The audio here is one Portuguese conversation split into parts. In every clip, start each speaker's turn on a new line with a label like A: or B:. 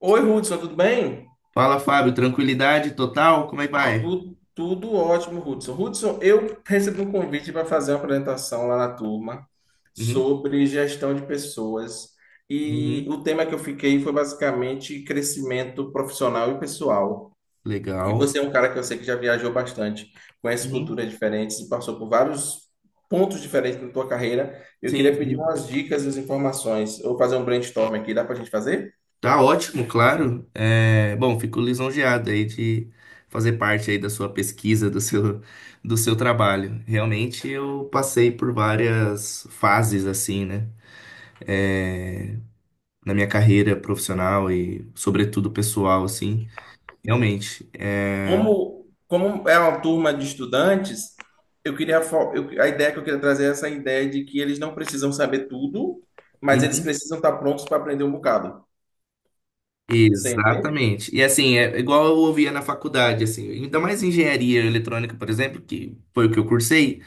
A: Oi, Hudson, tudo bem?
B: Fala, Fábio, tranquilidade total? Como é que vai?
A: Tudo, ótimo, Hudson. Hudson, eu recebi um convite para fazer uma apresentação lá na turma
B: Uhum,
A: sobre gestão de pessoas. E
B: uhum,
A: o tema que eu fiquei foi basicamente crescimento profissional e pessoal. E
B: legal.
A: você é um cara que eu sei que já viajou bastante, conhece
B: Uhum,
A: culturas diferentes e passou por vários pontos diferentes na tua carreira. Eu
B: sim,
A: queria pedir
B: sim.
A: umas dicas e as informações. Eu vou fazer um brainstorm aqui, dá para a gente fazer?
B: Tá ótimo, claro. Bom, fico lisonjeado aí de fazer parte aí da sua pesquisa, do seu trabalho. Realmente eu passei por várias fases assim, né? É, Na minha carreira profissional e sobretudo pessoal, assim. Realmente.
A: Como, como é uma turma de estudantes, eu queria fo- eu- a ideia que eu queria trazer é essa ideia de que eles não precisam saber tudo, mas eles
B: Uhum.
A: precisam estar prontos para aprender um bocado. Sim.
B: Exatamente. E assim, é igual eu ouvia na faculdade, assim, ainda mais engenharia eletrônica, por exemplo, que foi o que eu cursei.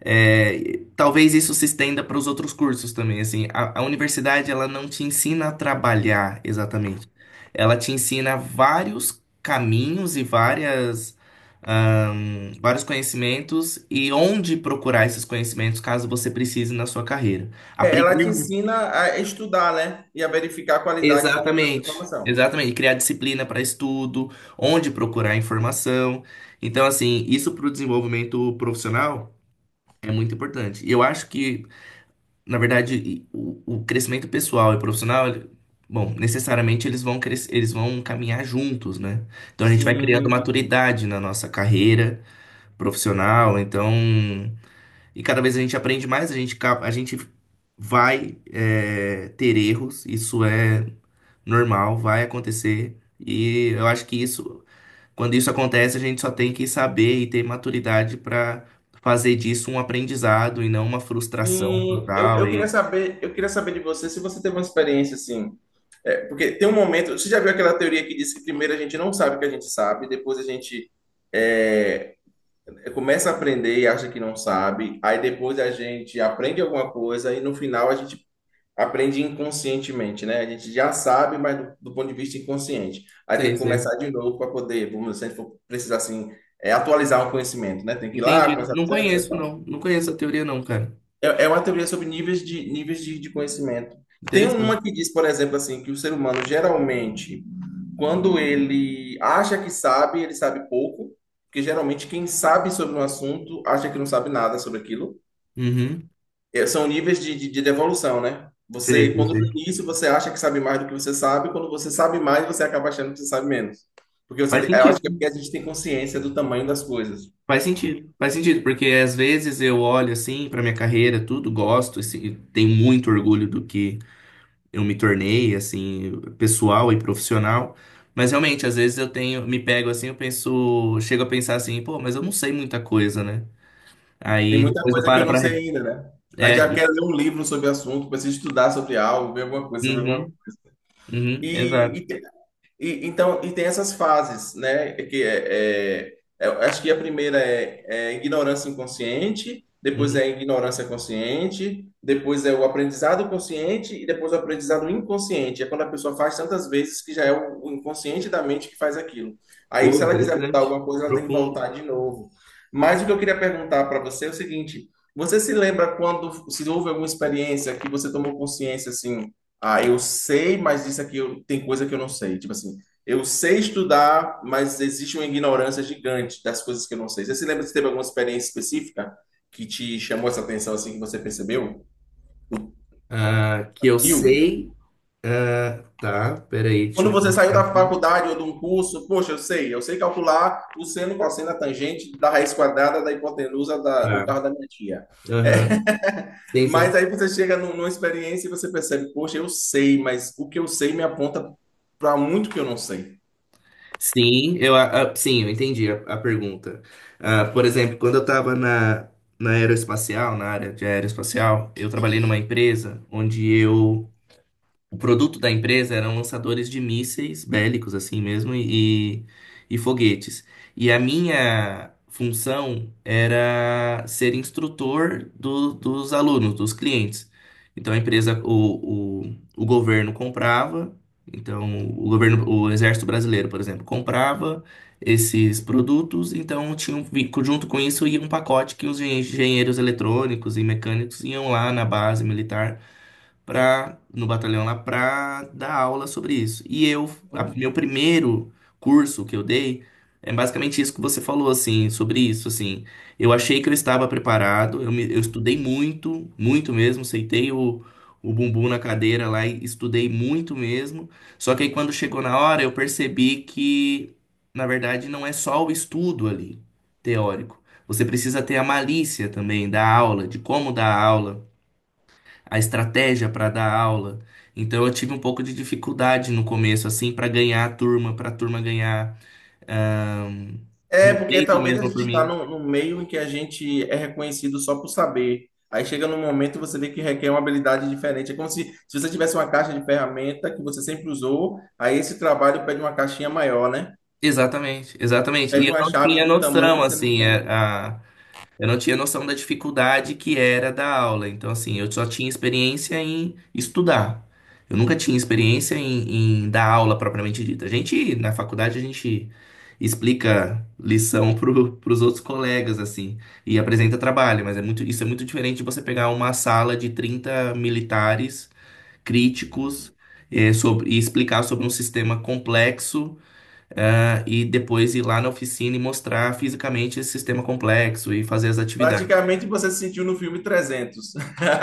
B: Talvez isso se estenda para os outros cursos também, assim, a universidade, ela não te ensina a trabalhar exatamente, ela te ensina vários caminhos e vários conhecimentos e onde procurar esses conhecimentos caso você precise na sua carreira.
A: É, ela te
B: Aprender
A: ensina a estudar, né? E a verificar a qualidade da tua
B: Exatamente,
A: informação.
B: exatamente. Criar disciplina para estudo, onde procurar informação. Então, assim, isso para o desenvolvimento profissional é muito importante. E eu acho que, na verdade, o crescimento pessoal e profissional, bom, necessariamente eles vão crescer, eles vão caminhar juntos, né? Então, a gente vai criando
A: Sim,
B: maturidade na nossa carreira profissional. Então. E cada vez a gente aprende mais, a gente vai ter erros, isso é normal, vai acontecer. E eu acho que isso, quando isso acontece, a gente só tem que saber e ter maturidade para fazer disso um aprendizado e não uma frustração
A: sim.
B: total. E.
A: Eu queria saber de você se você teve uma experiência assim. É, porque tem um momento. Você já viu aquela teoria que diz que primeiro a gente não sabe o que a gente sabe, depois a gente é, começa a aprender e acha que não sabe, aí depois a gente aprende alguma coisa e no final a gente aprende inconscientemente, né? A gente já sabe, mas do ponto de vista inconsciente. Aí tem
B: Sei,
A: que
B: sei.
A: começar de novo para poder, vamos dizer, se a gente for precisar assim, atualizar um conhecimento, né? Tem que ir lá,
B: Entendi.
A: começar do
B: Não
A: zero, etc e
B: conheço,
A: tal.
B: não. Não conheço a teoria, não, cara.
A: É uma teoria sobre níveis de conhecimento. Tem
B: Interessante.
A: uma que diz, por exemplo, assim, que o ser humano geralmente quando ele acha que sabe, ele sabe pouco, porque geralmente quem sabe sobre um assunto acha que não sabe nada sobre aquilo.
B: Uhum.
A: São níveis de devolução, né?
B: Sei,
A: Você, quando no
B: sei.
A: início você acha que sabe mais do que você sabe, quando você sabe mais, você acaba achando que você sabe menos. Porque você,
B: Faz
A: eu acho que é
B: sentido.
A: porque a gente tem consciência do tamanho das coisas.
B: Faz sentido, faz sentido, porque às vezes eu olho assim pra minha carreira, tudo, gosto, assim, tenho muito orgulho do que eu me tornei, assim, pessoal e profissional, mas realmente, às vezes eu tenho, me pego assim, eu penso, chego a pensar assim, pô, mas eu não sei muita coisa, né?
A: Tem
B: Aí
A: muita
B: depois eu
A: coisa que eu
B: paro
A: não
B: pra
A: sei ainda, né? A gente já
B: é,
A: quer ler um livro sobre o assunto, precisa estudar sobre algo, ver alguma coisa sobre alguma
B: uhum,
A: coisa.
B: uhum, exato.
A: E, então, tem essas fases, né? É Que é, é- é- Eu acho que a primeira é ignorância inconsciente, depois é
B: Uhum.
A: ignorância consciente, depois é o aprendizado consciente e depois o aprendizado inconsciente. É quando a pessoa faz tantas vezes que já é o inconsciente da mente que faz aquilo. Aí,
B: Pô,
A: se ela quiser mudar
B: interessante,
A: alguma coisa, ela tem que
B: profundo.
A: voltar de novo. Mas o que eu queria perguntar para você é o seguinte: você se lembra quando se houve alguma experiência que você tomou consciência assim? Ah, eu sei, mas isso aqui tem coisa que eu não sei. Tipo assim, eu sei estudar, mas existe uma ignorância gigante das coisas que eu não sei. Você se lembra se teve alguma experiência específica que te chamou essa atenção assim que você percebeu?
B: Ah, que eu
A: Filme.
B: sei. Ah, tá, peraí, deixa
A: Quando
B: eu.
A: você saiu
B: colocar
A: da
B: Aqui.
A: faculdade ou de um curso, poxa, eu sei calcular o seno, cosseno, a tangente da raiz quadrada da hipotenusa do
B: Tá,
A: carro da minha tia. É,
B: aham. Sim,
A: mas
B: sim.
A: aí você chega numa experiência e você percebe, poxa, eu sei, mas o que eu sei me aponta para muito que eu não sei.
B: Sim, eu, sim, eu entendi a pergunta. Ah, por exemplo, quando eu estava na aeroespacial, na área de aeroespacial, eu trabalhei numa empresa onde eu o produto da empresa eram lançadores de mísseis bélicos, assim mesmo, e foguetes. E a minha função era ser instrutor dos alunos, dos clientes. Então a empresa, o governo comprava, então o governo, o Exército Brasileiro, por exemplo, comprava esses produtos, então tinha junto com isso ia um pacote que os engenheiros eletrônicos e mecânicos iam lá na base militar pra, no batalhão lá pra dar aula sobre isso. E eu, meu primeiro curso que eu dei é basicamente isso que você falou, assim, sobre isso, assim. Eu achei que eu estava preparado, eu estudei muito, muito mesmo, sentei o bumbum na cadeira lá e estudei muito mesmo. Só que aí quando chegou na hora, eu percebi que, na verdade, não é só o estudo ali, teórico. Você precisa ter a malícia também da aula, de como dar aula, a estratégia para dar aula. Então eu tive um pouco de dificuldade no começo, assim, para ganhar a turma, para a turma ganhar ahn,
A: É, porque
B: respeito
A: talvez a
B: mesmo
A: gente
B: por
A: está
B: mim.
A: num meio em que a gente é reconhecido só por saber. Aí chega num momento e você vê que requer uma habilidade diferente. É como se você tivesse uma caixa de ferramenta que você sempre usou, aí esse trabalho pede uma caixinha maior, né?
B: Exatamente, exatamente. E
A: Pede
B: eu
A: uma
B: não
A: chave
B: tinha
A: de um tamanho
B: noção,
A: que você não
B: assim,
A: tem.
B: eu não tinha noção da dificuldade que era da aula. Então, assim, eu só tinha experiência em estudar. Eu nunca tinha experiência em dar aula propriamente dita. A gente, na faculdade, a gente explica lição para os outros colegas, assim, e apresenta trabalho, mas é muito, isso é muito diferente de você pegar uma sala de 30 militares críticos. E explicar sobre um sistema complexo, e depois ir lá na oficina e mostrar fisicamente esse sistema complexo e fazer as atividades.
A: Praticamente você se sentiu no filme 300.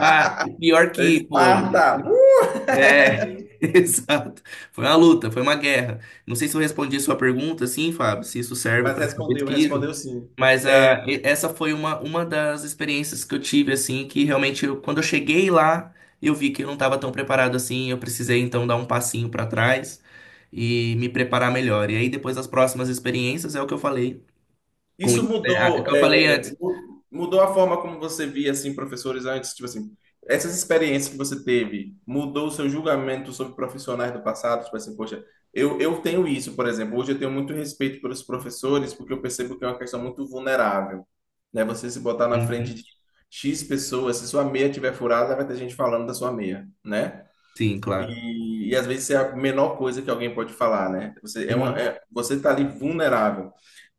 B: Ah, e pior que, pô,
A: Esparta!
B: é, exato. Foi uma luta, foi uma guerra. Não sei se eu respondi a sua pergunta, sim, Fábio, se isso serve
A: Mas
B: para sua
A: respondeu,
B: pesquisa,
A: respondeu sim.
B: mas
A: É,
B: essa foi uma das experiências que eu tive, assim, que realmente, quando eu cheguei lá, eu vi que eu não estava tão preparado assim, eu precisei, então, dar um passinho para trás e me preparar melhor. E aí, depois das próximas experiências, é o que eu falei com isso, né? Ah, é o que eu falei antes.
A: Mudou a forma como você via assim professores antes, tipo assim, essas experiências que você teve, mudou o seu julgamento sobre profissionais do passado, tipo assim, poxa, eu tenho isso, por exemplo, hoje eu tenho muito respeito pelos professores porque eu percebo que é uma questão muito vulnerável, né? Você se botar na frente
B: Uhum.
A: de X pessoas, se sua meia tiver furada, vai ter gente falando da sua meia, né?
B: Sim, claro.
A: E, às vezes é a menor coisa que alguém pode falar, né? Você é uma,
B: Uhum.
A: é- você tá ali vulnerável.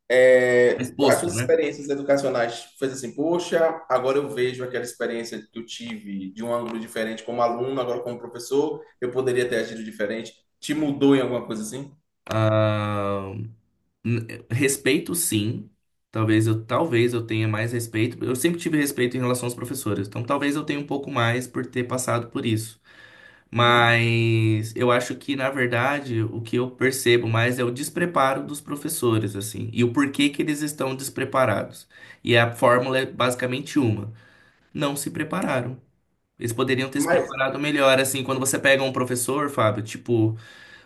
A: As
B: Exposto,
A: suas
B: né?
A: experiências educacionais fez assim, poxa, agora eu vejo aquela experiência que eu tive de um ângulo diferente como aluno, agora como professor, eu poderia ter agido diferente. Te mudou em alguma coisa assim?
B: Ah, Respeito, sim. Talvez eu tenha mais respeito. Eu sempre tive respeito em relação aos professores, então talvez eu tenha um pouco mais por ter passado por isso.
A: Uhum.
B: Mas eu acho que, na verdade, o que eu percebo mais é o despreparo dos professores, assim, e o porquê que eles estão despreparados. E a fórmula é basicamente uma: não se prepararam. Eles poderiam ter se
A: Mas,
B: preparado melhor, assim, quando você pega um professor, Fábio, tipo.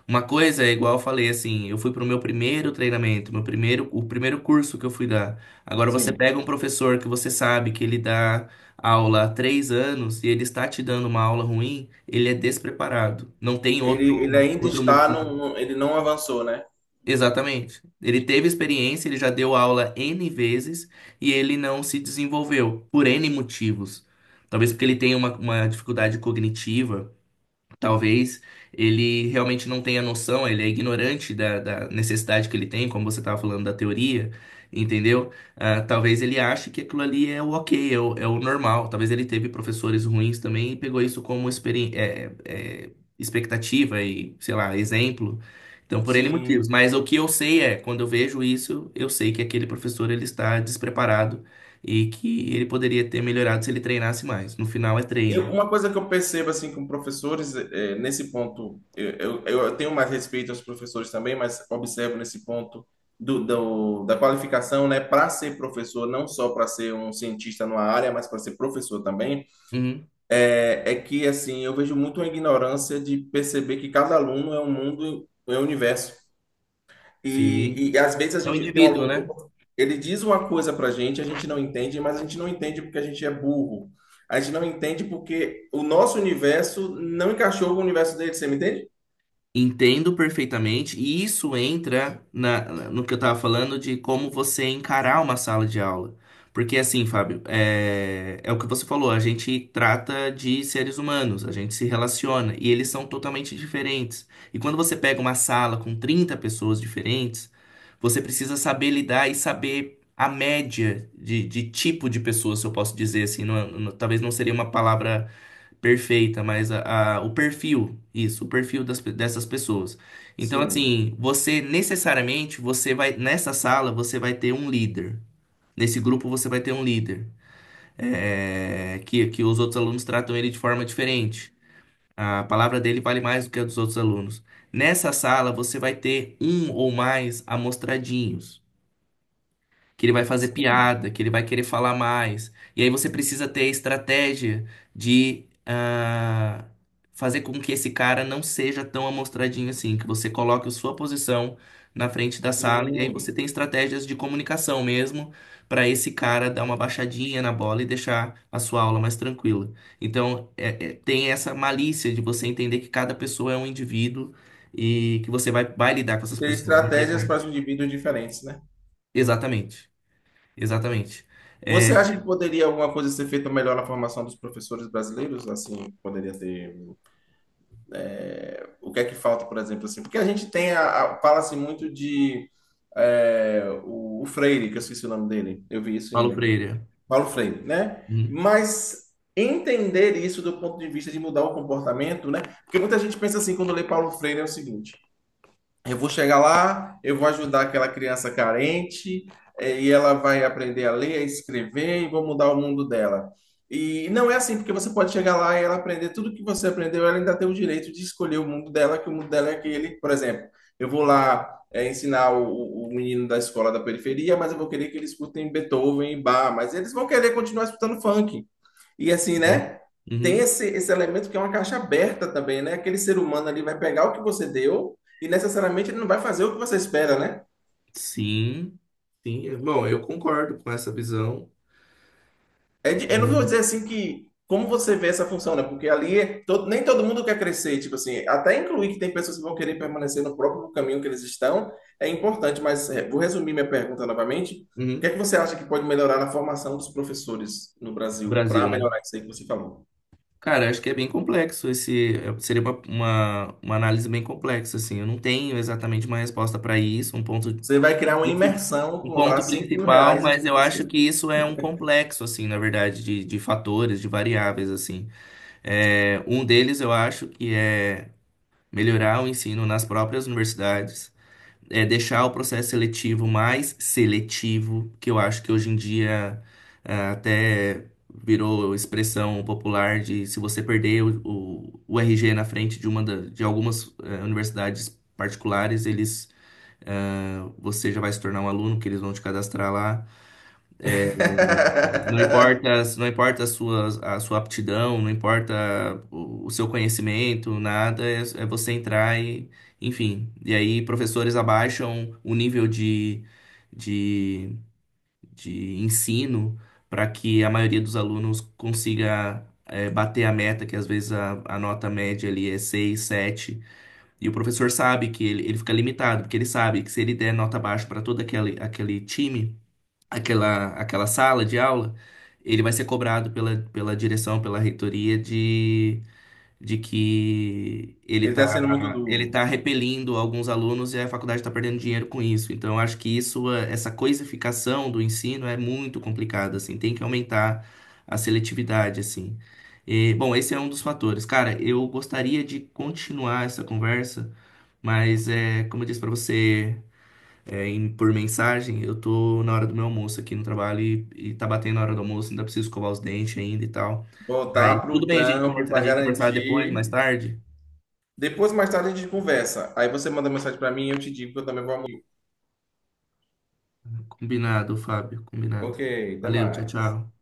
B: Uma coisa é igual eu falei assim, eu fui pro meu primeiro treinamento, o primeiro curso que eu fui dar. Agora você
A: sim,
B: pega um professor que você sabe que ele dá aula há 3 anos e ele está te dando uma aula ruim, ele é despreparado. Não tem
A: ele ainda
B: outro
A: está,
B: motivo.
A: ele não avançou, né?
B: Exatamente. Ele teve experiência, ele já deu aula N vezes e ele não se desenvolveu por N motivos. Talvez porque ele tenha uma dificuldade cognitiva. Talvez ele realmente não tenha noção, ele é ignorante da necessidade que ele tem, como você estava falando da teoria, entendeu? Ah, talvez ele ache que aquilo ali é o ok, é o normal. Talvez ele teve professores ruins também e pegou isso como expectativa e, sei lá, exemplo. Então, por N
A: Sim.
B: motivos. Mas o que eu sei é, quando eu vejo isso, eu sei que aquele professor ele está despreparado e que ele poderia ter melhorado se ele treinasse mais. No final é treino.
A: Uma coisa que eu percebo assim com professores nesse ponto eu tenho mais respeito aos professores também, mas observo nesse ponto da qualificação, né, para ser professor, não só para ser um cientista numa área, mas para ser professor também,
B: Uhum.
A: é que assim eu vejo muito a ignorância de perceber que cada aluno é um mundo, é um universo.
B: Sim.
A: E, às vezes a
B: É um
A: gente tem um
B: indivíduo, né?
A: aluno, ele diz uma coisa para a gente não entende, mas a gente não entende porque a gente é burro. A gente não entende porque o nosso universo não encaixou com o universo dele, você me entende?
B: Entendo perfeitamente, e isso entra no que eu estava falando de como você encarar uma sala de aula. Porque assim, Fábio, é o que você falou, a gente trata de seres humanos, a gente se relaciona, e eles são totalmente diferentes. E quando você pega uma sala com 30 pessoas diferentes, você precisa saber lidar e saber a média de tipo de pessoa, se eu posso dizer assim, talvez não seria uma palavra perfeita, mas o perfil, isso, o perfil dessas pessoas. Então,
A: Sim.
B: assim, você necessariamente, você vai, nessa sala, você vai ter um líder. Nesse grupo, você vai ter um líder. É que os outros alunos tratam ele de forma diferente. A palavra dele vale mais do que a dos outros alunos. Nessa sala, você vai ter um ou mais amostradinhos que ele vai fazer piada, que ele vai querer falar mais. E aí você precisa ter a estratégia de fazer com que esse cara não seja tão amostradinho assim, que você coloque a sua posição na frente da sala, e aí
A: Sim.
B: você tem estratégias de comunicação mesmo para esse cara dar uma baixadinha na bola e deixar a sua aula mais tranquila. Então, tem essa malícia de você entender que cada pessoa é um indivíduo e que você vai lidar com
A: E
B: essas
A: ter
B: pessoas. Não tem
A: estratégias para os
B: como.
A: indivíduos diferentes, né?
B: Exatamente, exatamente. É,
A: Você acha que poderia alguma coisa ser feita melhor na formação dos professores brasileiros? Assim, o que é que falta, por exemplo, assim? Porque a gente tem fala-se muito de o Freire, que eu esqueci o nome dele. Eu vi isso
B: Paulo
A: em
B: Freire.
A: Paulo Freire, né?
B: Uhum.
A: Mas entender isso do ponto de vista de mudar o comportamento, né? Porque muita gente pensa assim quando lê Paulo Freire é o seguinte: eu vou chegar lá, eu vou ajudar aquela criança carente, e ela vai aprender a ler, a escrever, e vou mudar o mundo dela. E não é assim, porque você pode chegar lá e ela aprender tudo que você aprendeu, ela ainda tem o direito de escolher o mundo dela, que o mundo dela é aquele. Por exemplo, eu vou lá, ensinar o menino da escola da periferia, mas eu vou querer que ele escutem Beethoven e Bach, mas eles vão querer continuar escutando funk. E assim, né? Tem
B: Uhum.
A: esse elemento que é uma caixa aberta também, né? Aquele ser humano ali vai pegar o que você deu e necessariamente ele não vai fazer o que você espera, né?
B: Sim, sim. Bom, eu concordo com essa visão.
A: Eu não vou dizer
B: Uhum.
A: assim que como você vê essa função, né? Porque ali é nem todo mundo quer crescer, tipo assim, até incluir que tem pessoas que vão querer permanecer no próprio caminho que eles estão é importante, mas vou resumir minha pergunta novamente. O que é
B: Uhum.
A: que você acha que pode melhorar na formação dos professores no Brasil para
B: Brasil, né?
A: melhorar isso aí que você falou?
B: Cara, acho que é bem complexo esse. Seria uma análise bem complexa, assim. Eu não tenho exatamente uma resposta para isso,
A: Você vai criar uma
B: princi-
A: imersão,
B: um
A: cobrar
B: ponto principal,
A: 5 mil reais e os
B: mas eu acho
A: professores.
B: que isso é um complexo, assim, na verdade, de fatores, de variáveis, assim. Um deles eu acho que é melhorar o ensino nas próprias universidades, deixar o processo seletivo mais seletivo, que eu acho que hoje em dia até virou expressão popular de se você perder o RG na frente de de algumas universidades particulares, eles você já vai se tornar um aluno, que eles vão te cadastrar lá. Não importa, não importa a sua aptidão, não importa o seu conhecimento, nada, é você entrar e, enfim. E aí, professores abaixam o nível de, de ensino para que a maioria dos alunos consiga, bater a meta, que às vezes a nota média ali é 6, 7. E o professor sabe que ele fica limitado, porque ele sabe que se ele der nota baixa para todo aquele time, aquela sala de aula, ele vai ser cobrado pela direção, pela reitoria de que
A: Ele tá sendo muito
B: ele
A: duro.
B: tá repelindo alguns alunos e a faculdade está perdendo dinheiro com isso. Então, eu acho que isso, essa coisificação do ensino é muito complicada, assim, tem que aumentar a seletividade, assim. E, bom, esse é um dos fatores. Cara, eu gostaria de continuar essa conversa, mas como eu disse para você por mensagem, eu tô na hora do meu almoço aqui no trabalho e tá batendo a hora do almoço, ainda preciso escovar os dentes ainda e tal.
A: Voltar
B: Aí, tudo
A: pro
B: bem a gente,
A: trampo
B: a
A: para
B: gente conversar depois, mais
A: garantir.
B: tarde?
A: Depois, mais tarde, a gente conversa. Aí você manda mensagem para mim e eu te digo que eu também vou.
B: Combinado, Fábio,
A: Ok,
B: combinado.
A: até
B: Valeu, tchau,
A: mais.
B: tchau.